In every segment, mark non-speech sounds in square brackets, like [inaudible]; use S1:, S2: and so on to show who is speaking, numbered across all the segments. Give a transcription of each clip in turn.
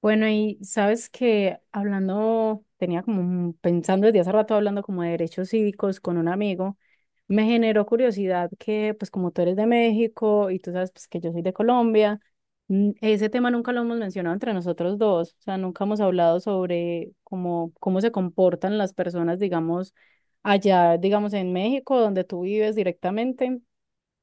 S1: Bueno, y sabes que hablando, tenía como un- pensando desde hace rato hablando como de derechos cívicos con un amigo, me generó curiosidad que pues como tú eres de México y tú sabes pues que yo soy de Colombia, ese tema nunca lo hemos mencionado entre nosotros dos, o sea, nunca hemos hablado sobre cómo se comportan las personas, digamos, allá, digamos, en México, donde tú vives directamente.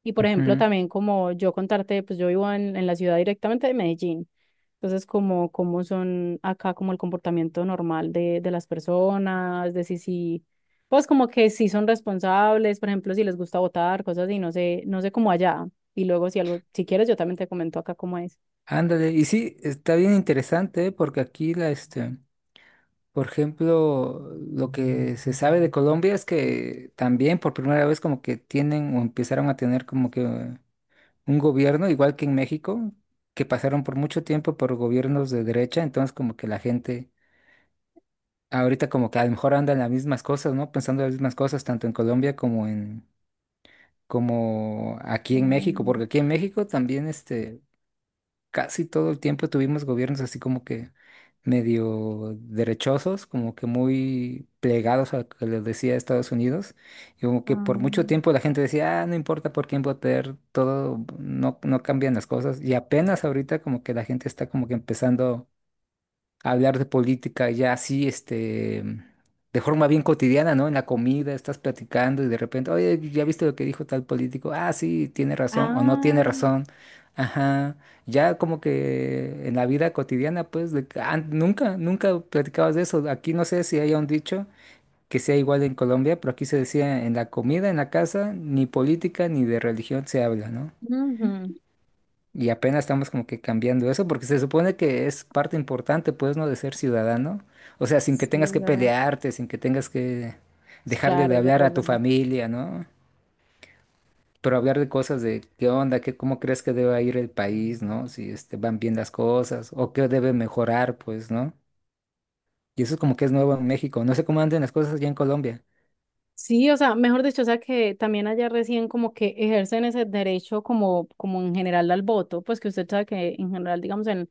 S1: Y por ejemplo,
S2: Ujú.
S1: también como yo contarte, pues yo vivo en la ciudad directamente de Medellín. Entonces, como cómo son acá como el comportamiento normal de las personas, de si, pues como que si son responsables, por ejemplo, si les gusta votar, cosas así, no sé, no sé cómo allá. Y luego si algo, si quieres, yo también te comento acá cómo es.
S2: Ándale, y sí, está bien interesante, ¿eh? Porque aquí por ejemplo, lo que se sabe de Colombia es que también por primera vez como que tienen o empezaron a tener como que un gobierno, igual que en México, que pasaron por mucho tiempo por gobiernos de derecha. Entonces como que la gente ahorita como que a lo mejor andan las mismas cosas, ¿no? Pensando en las mismas cosas tanto en como aquí en México,
S1: Human-
S2: porque aquí en México también, casi todo el tiempo tuvimos gobiernos así como que medio derechosos, como que muy plegados a lo que les decía Estados Unidos, y como que por
S1: Ah,
S2: mucho tiempo la gente decía, ah, no importa por quién votar, todo, no, no cambian las cosas. Y apenas ahorita como que la gente está como que empezando hablar de política ya así, de forma bien cotidiana, ¿no? En la comida, estás platicando y de repente, oye, ¿ya viste lo que dijo tal político? Ah, sí, tiene razón o no tiene
S1: ah,
S2: razón. Ajá. Ya como que en la vida cotidiana, pues, de que, ah, nunca platicabas de eso. Aquí no sé si haya un dicho que sea igual en Colombia, pero aquí se decía en la comida, en la casa, ni política ni de religión se habla, ¿no?
S1: ujú.
S2: Y apenas estamos como que cambiando eso, porque se supone que es parte importante, pues, ¿no? De ser ciudadano. O sea, sin que
S1: Sí,
S2: tengas
S1: es
S2: que
S1: verdad.
S2: pelearte, sin que tengas que
S1: Sí,
S2: dejarle
S1: claro,
S2: de
S1: es
S2: hablar
S1: verdad, es
S2: a tu
S1: verdad.
S2: familia, ¿no? Pero hablar de cosas de qué onda, qué, cómo crees que debe ir el país, ¿no? Si este, van bien las cosas, o qué debe mejorar, pues, ¿no? Y eso es como que es nuevo en México. No sé cómo andan las cosas allá en Colombia.
S1: Sí, o sea, mejor dicho, o sea que también allá recién como que ejercen ese derecho como, como en general al voto, pues que usted sabe que en general, digamos,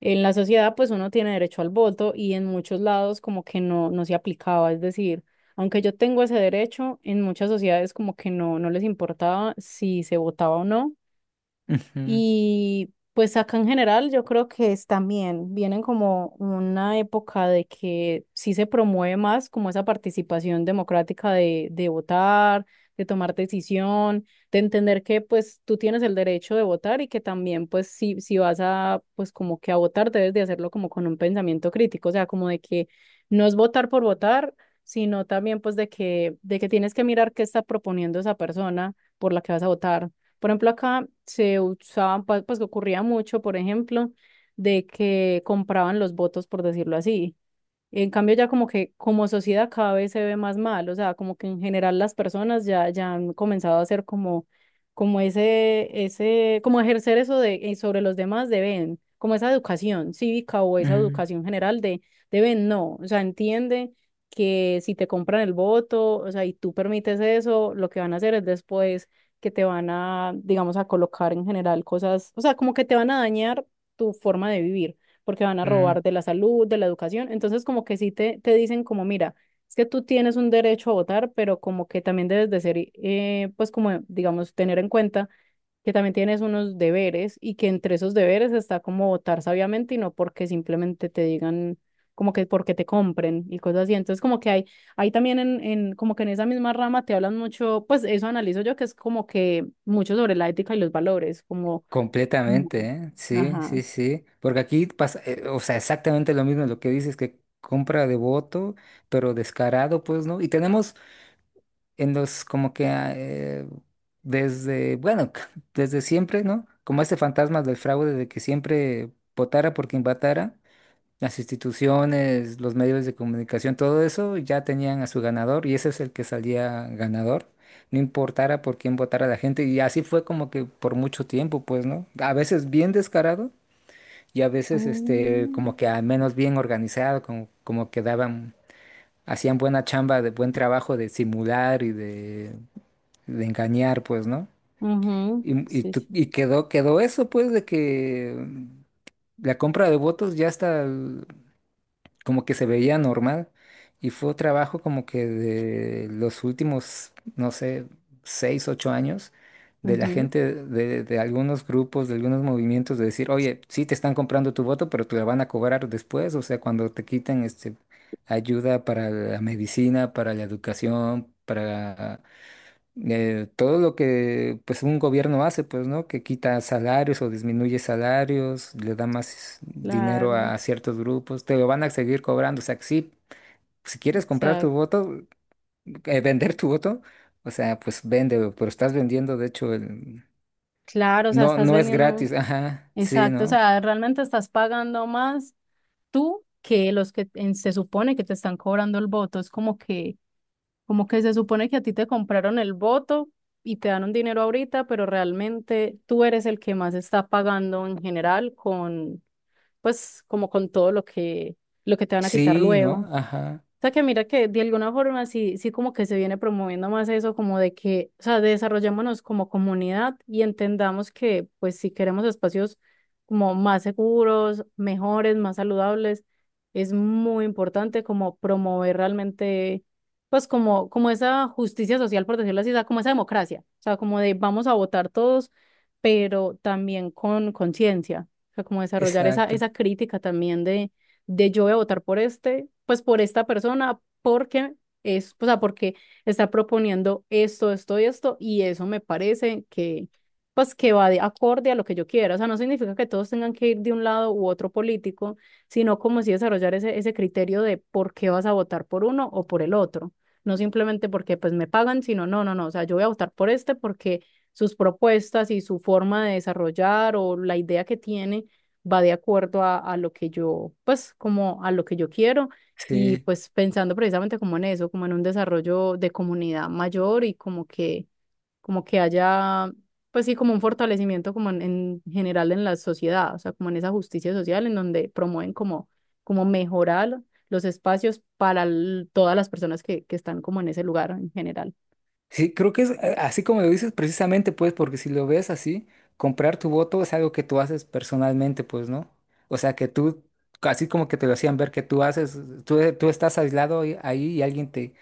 S1: en la sociedad pues uno tiene derecho al voto y en muchos lados como que no, no se aplicaba, es decir, aunque yo tengo ese derecho, en muchas sociedades como que no, no les importaba si se votaba o no.
S2: Ujú,
S1: Y pues acá en general yo creo que es también, vienen como una época de que sí se promueve más como esa participación democrática de votar, de tomar decisión, de entender que pues tú tienes el derecho de votar y que también pues si vas a pues como que a votar debes de hacerlo como con un pensamiento crítico, o sea, como de que no es votar por votar, sino también pues de de que tienes que mirar qué está proponiendo esa persona por la que vas a votar. Por ejemplo, acá se usaban, pa- pues que ocurría mucho, por ejemplo, de que compraban los votos, por decirlo así. En cambio, ya como que como sociedad cada vez se ve más mal, o sea, como que en general las personas ya, ya han comenzado a hacer como, como ese, como ejercer eso de, sobre los demás deben, como esa educación cívica o esa
S2: ujú,
S1: educación general de deben no, o sea, entiende que si te compran el voto, o sea, y tú permites eso, lo que van a hacer es después que te van a, digamos, a colocar en general cosas, o sea, como que te van a dañar tu forma de vivir porque van a
S2: ujú.
S1: robar de la salud, de la educación. Entonces, como que sí te dicen como, mira, es que tú tienes un derecho a votar, pero como que también debes de ser, pues como, digamos, tener en cuenta que también tienes unos deberes y que entre esos deberes está como votar sabiamente y no porque simplemente te digan como que porque te compren y cosas así. Entonces, como que hay también en, como que en esa misma rama te hablan mucho, pues eso analizo yo, que es como que mucho sobre la ética y los valores, como, mm,
S2: Completamente, ¿eh? Sí,
S1: ajá.
S2: sí, sí. Porque aquí pasa, o sea, exactamente lo mismo lo que dices, que compra de voto, pero descarado, pues, ¿no? Y tenemos en los, como que, ah, desde, bueno, [laughs] desde siempre, ¿no? Como ese fantasma del fraude de que siempre votara por quien votara las instituciones, los medios de comunicación, todo eso ya tenían a su ganador y ese es el que salía ganador, no importara por quién votara la gente y así fue como que por mucho tiempo, pues, ¿no? A veces bien descarado y a veces este
S1: Mm.
S2: como que al menos bien organizado, como que daban, hacían buena chamba, de buen trabajo de simular de engañar, pues, ¿no?
S1: Ujú. Sí, sí,
S2: Y quedó eso, pues, de que la compra de votos ya está como que se veía normal y fue trabajo como que de los últimos, no sé, 6, 8 años de la
S1: ujú.
S2: gente de algunos grupos, de algunos movimientos de decir, oye, sí te están comprando tu voto, pero te la van a cobrar después, o sea, cuando te quiten este ayuda para la medicina, para la educación, para todo lo que pues un gobierno hace, pues, ¿no? Que quita salarios o disminuye salarios, le da más dinero
S1: Claro,
S2: a ciertos grupos, te lo van a seguir cobrando. O sea, que sí, si quieres comprar tu
S1: exacto.
S2: voto, vender tu voto, o sea, pues véndelo, pero estás vendiendo, de hecho, el...
S1: Claro, o sea,
S2: No,
S1: estás
S2: no es
S1: vendiendo.
S2: gratis, [laughs] ajá, sí,
S1: Exacto, o
S2: ¿no?
S1: sea, realmente estás pagando más tú que los que en- se supone que te están cobrando el voto. Es como que se supone que a ti te compraron el voto y te dan un dinero ahorita, pero realmente tú eres el que más está pagando en general con, pues, como con todo lo que te van a quitar
S2: Sí,
S1: luego.
S2: ¿no? Ajá,
S1: O sea que mira que de alguna forma sí, sí como que se viene promoviendo más eso, como de que, o sea, desarrollémonos como comunidad y entendamos que pues si queremos espacios como más seguros, mejores, más saludables, es muy importante como promover realmente pues como, como esa justicia social, por decirlo así, o sea, como esa democracia, o sea, como de vamos a votar todos, pero también con conciencia, o sea, como desarrollar
S2: exacto,
S1: esa crítica también de yo voy a votar por este, pues por esta persona, porque es, o sea, porque está proponiendo esto, esto y esto, y eso me parece que, pues que va de acorde a lo que yo quiera. O sea, no significa que todos tengan que ir de un lado u otro político, sino como si desarrollar ese criterio de por qué vas a votar por uno o por el otro. No simplemente porque pues me pagan, sino no, no, no. O sea, yo voy a votar por este porque sus propuestas y su forma de desarrollar o la idea que tiene va de acuerdo a lo que yo, pues como a lo que yo quiero. Y
S2: sí.
S1: pues pensando precisamente como en eso, como en un desarrollo de comunidad mayor y como que haya, pues sí, como un fortalecimiento como en general en la sociedad, o sea, como en esa justicia social en donde promueven como, como mejorar los espacios para l- todas las personas que están como en ese lugar en general.
S2: Sí, creo que es así como lo dices precisamente, pues, porque si lo ves así, comprar tu voto es algo que tú haces personalmente, pues, ¿no? O sea, que tú, así como que te lo hacían ver que tú haces, tú estás aislado ahí y alguien te,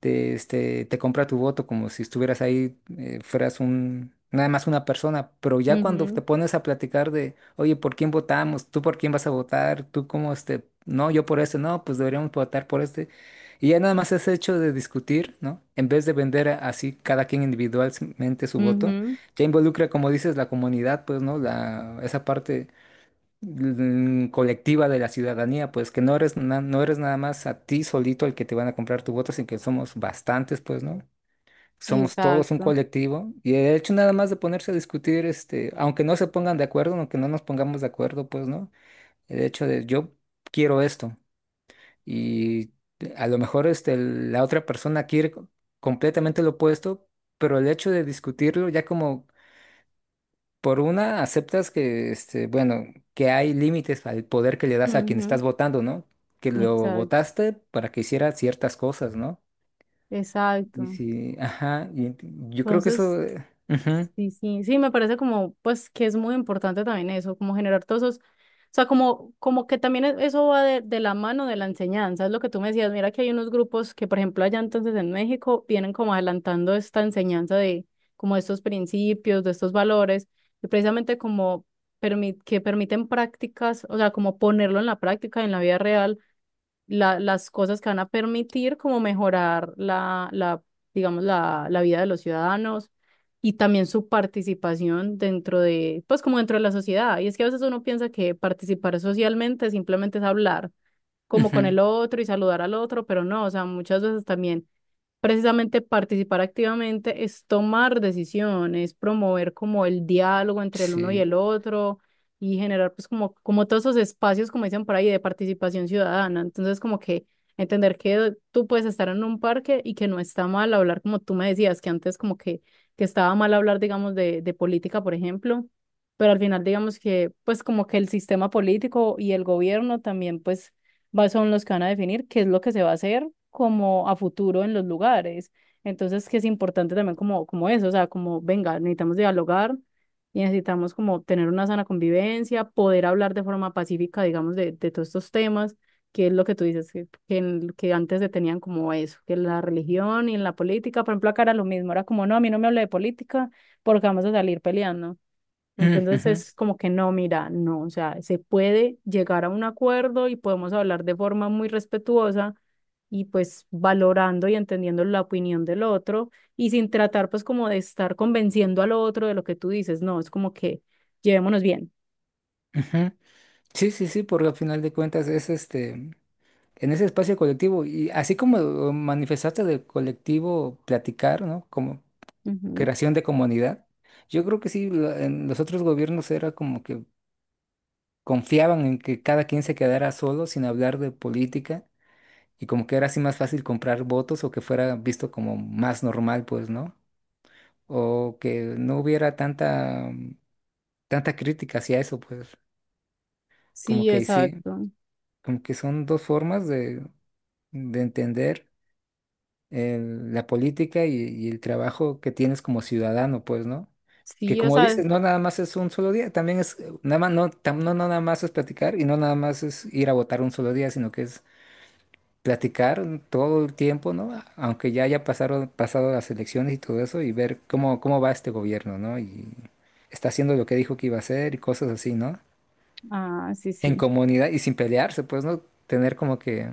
S2: te, este, te compra tu voto como si estuvieras ahí, fueras un, nada más una persona. Pero ya cuando te
S1: Ujú,
S2: pones a platicar de, oye, ¿por quién votamos? ¿Tú por quién vas a votar? ¿Tú cómo este? No, yo por este, no, pues deberíamos votar por este. Y ya nada más es hecho de discutir, ¿no? En vez de vender así cada quien individualmente su voto,
S1: ujú,
S2: ya involucra, como dices, la comunidad, pues, ¿no? La, esa parte colectiva de la ciudadanía, pues que no eres, no eres nada más a ti solito el que te van a comprar tu voto, sino que somos bastantes, pues, ¿no? Somos todos un
S1: exacto.
S2: colectivo y el hecho nada más de ponerse a discutir, este, aunque no se pongan de acuerdo, aunque no nos pongamos de acuerdo, pues, ¿no? El hecho de yo quiero esto y a lo mejor este, la otra persona quiere completamente lo opuesto, pero el hecho de discutirlo ya como por una, aceptas que, este, bueno, que hay límites al poder que le das a quien
S1: Ujú,
S2: estás votando, ¿no? Que lo
S1: exacto.
S2: votaste para que hiciera ciertas cosas, ¿no? Y
S1: Exacto.
S2: si, ajá, yo creo que
S1: Entonces,
S2: eso... ujú,
S1: sí, sí, sí, me parece como, pues, que es muy importante también eso, como generar todos esos, o sea, como, como que también e- eso va de la mano de la enseñanza, es lo que tú me decías, mira que hay unos grupos que, por ejemplo, allá entonces en México vienen como adelantando esta enseñanza de como de estos principios, de estos valores, y precisamente como permi- que permiten prácticas, o sea, como ponerlo en la práctica, en la vida real las cosas que van a permitir como mejorar la digamos, la vida de los ciudadanos y también su participación dentro de, pues como dentro de la sociedad. Y es que a veces uno piensa que participar socialmente simplemente es hablar como con
S2: ujú,
S1: el otro y saludar al otro, pero no, o sea, muchas veces también precisamente participar activamente es tomar decisiones, promover como el diálogo entre el uno y
S2: sí.
S1: el otro y generar pues como, como todos esos espacios, como dicen por ahí, de participación ciudadana. Entonces como que entender que tú puedes estar en un parque y que no está mal hablar, como tú me decías, que antes como que estaba mal hablar, digamos, de política, por ejemplo, pero al final digamos que pues como que el sistema político y el gobierno también pues va- son los que van a definir qué es lo que se va a hacer como a futuro en los lugares. Entonces, que es importante también como, como eso, o sea, como, venga, necesitamos dialogar y necesitamos como tener una sana convivencia, poder hablar de forma pacífica, digamos, de todos estos temas, que es lo que tú dices, que, en- que antes se tenían como eso, que en la religión y en la política, por ejemplo, acá era lo mismo, era como, no, a mí no me hable de política porque vamos a salir peleando.
S2: Mm,
S1: Entonces
S2: ujú,
S1: es como que no, mira, no, o sea, se puede llegar a un acuerdo y podemos hablar de forma muy respetuosa y pues valorando y entendiendo la opinión del otro y sin tratar pues como de estar convenciendo al otro de lo que tú dices, no, es como que llevémonos bien.
S2: ujú. Sí, sí, sí, porque al final de cuentas es este, en ese espacio colectivo, y así como lo manifestaste del colectivo platicar, ¿no? Como
S1: Ujú.
S2: creación de comunidad. Yo creo que sí, en los otros gobiernos era como que confiaban en que cada quien se quedara solo sin hablar de política y como que era así más fácil comprar votos o que fuera visto como más normal, pues, ¿no? O que no hubiera tanta, tanta crítica hacia eso, pues, como
S1: Sí,
S2: que sí,
S1: exacto.
S2: como que son dos formas de entender la política y el trabajo que tienes como ciudadano, pues, ¿no? Que
S1: Sí, o
S2: como
S1: sea,
S2: dices, no nada más es un solo día, también es, nada más, no, no nada más es platicar y no nada más es ir a votar un solo día, sino que es platicar todo el tiempo, ¿no? Aunque ya pasado las elecciones y todo eso, y ver cómo, cómo va este gobierno, ¿no? Y está haciendo lo que dijo que iba a hacer y cosas así, ¿no?
S1: ah, sí,
S2: En
S1: sí.
S2: comunidad y sin pelearse, pues, ¿no? Tener como que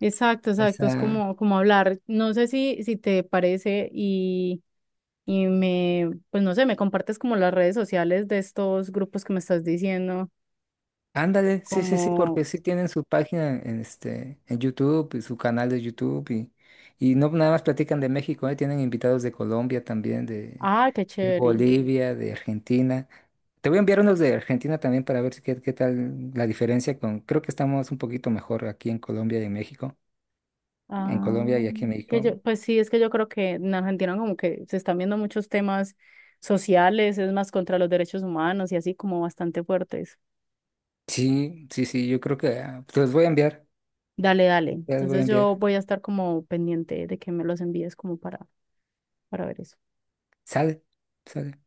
S1: Exacto, exacto, es
S2: esa...
S1: como, como hablar, no sé si te parece y me, pues no sé, me compartes como las redes sociales de estos grupos que me estás diciendo,
S2: Ándale, sí, sí, sí,
S1: como,
S2: porque sí tienen su página en, este, en YouTube y su canal de YouTube y no nada más platican de México, ¿eh? Tienen invitados de Colombia también,
S1: ah, qué
S2: de
S1: chévere.
S2: Bolivia, de Argentina. Te voy a enviar unos de Argentina también para ver si qué, qué tal la diferencia con, creo que estamos un poquito mejor aquí en Colombia y en México. En Colombia
S1: Ah,
S2: y aquí en
S1: que
S2: México.
S1: yo, pues sí, es que yo creo que en Argentina como que se están viendo muchos temas sociales, es más contra los derechos humanos y así como bastante fuertes.
S2: Sí, sí, sí, yo creo que ah,
S1: Dale, dale.
S2: te los voy a
S1: Entonces yo
S2: enviar.
S1: voy a estar como pendiente de que me los envíes como para ver eso.
S2: Sale, sale.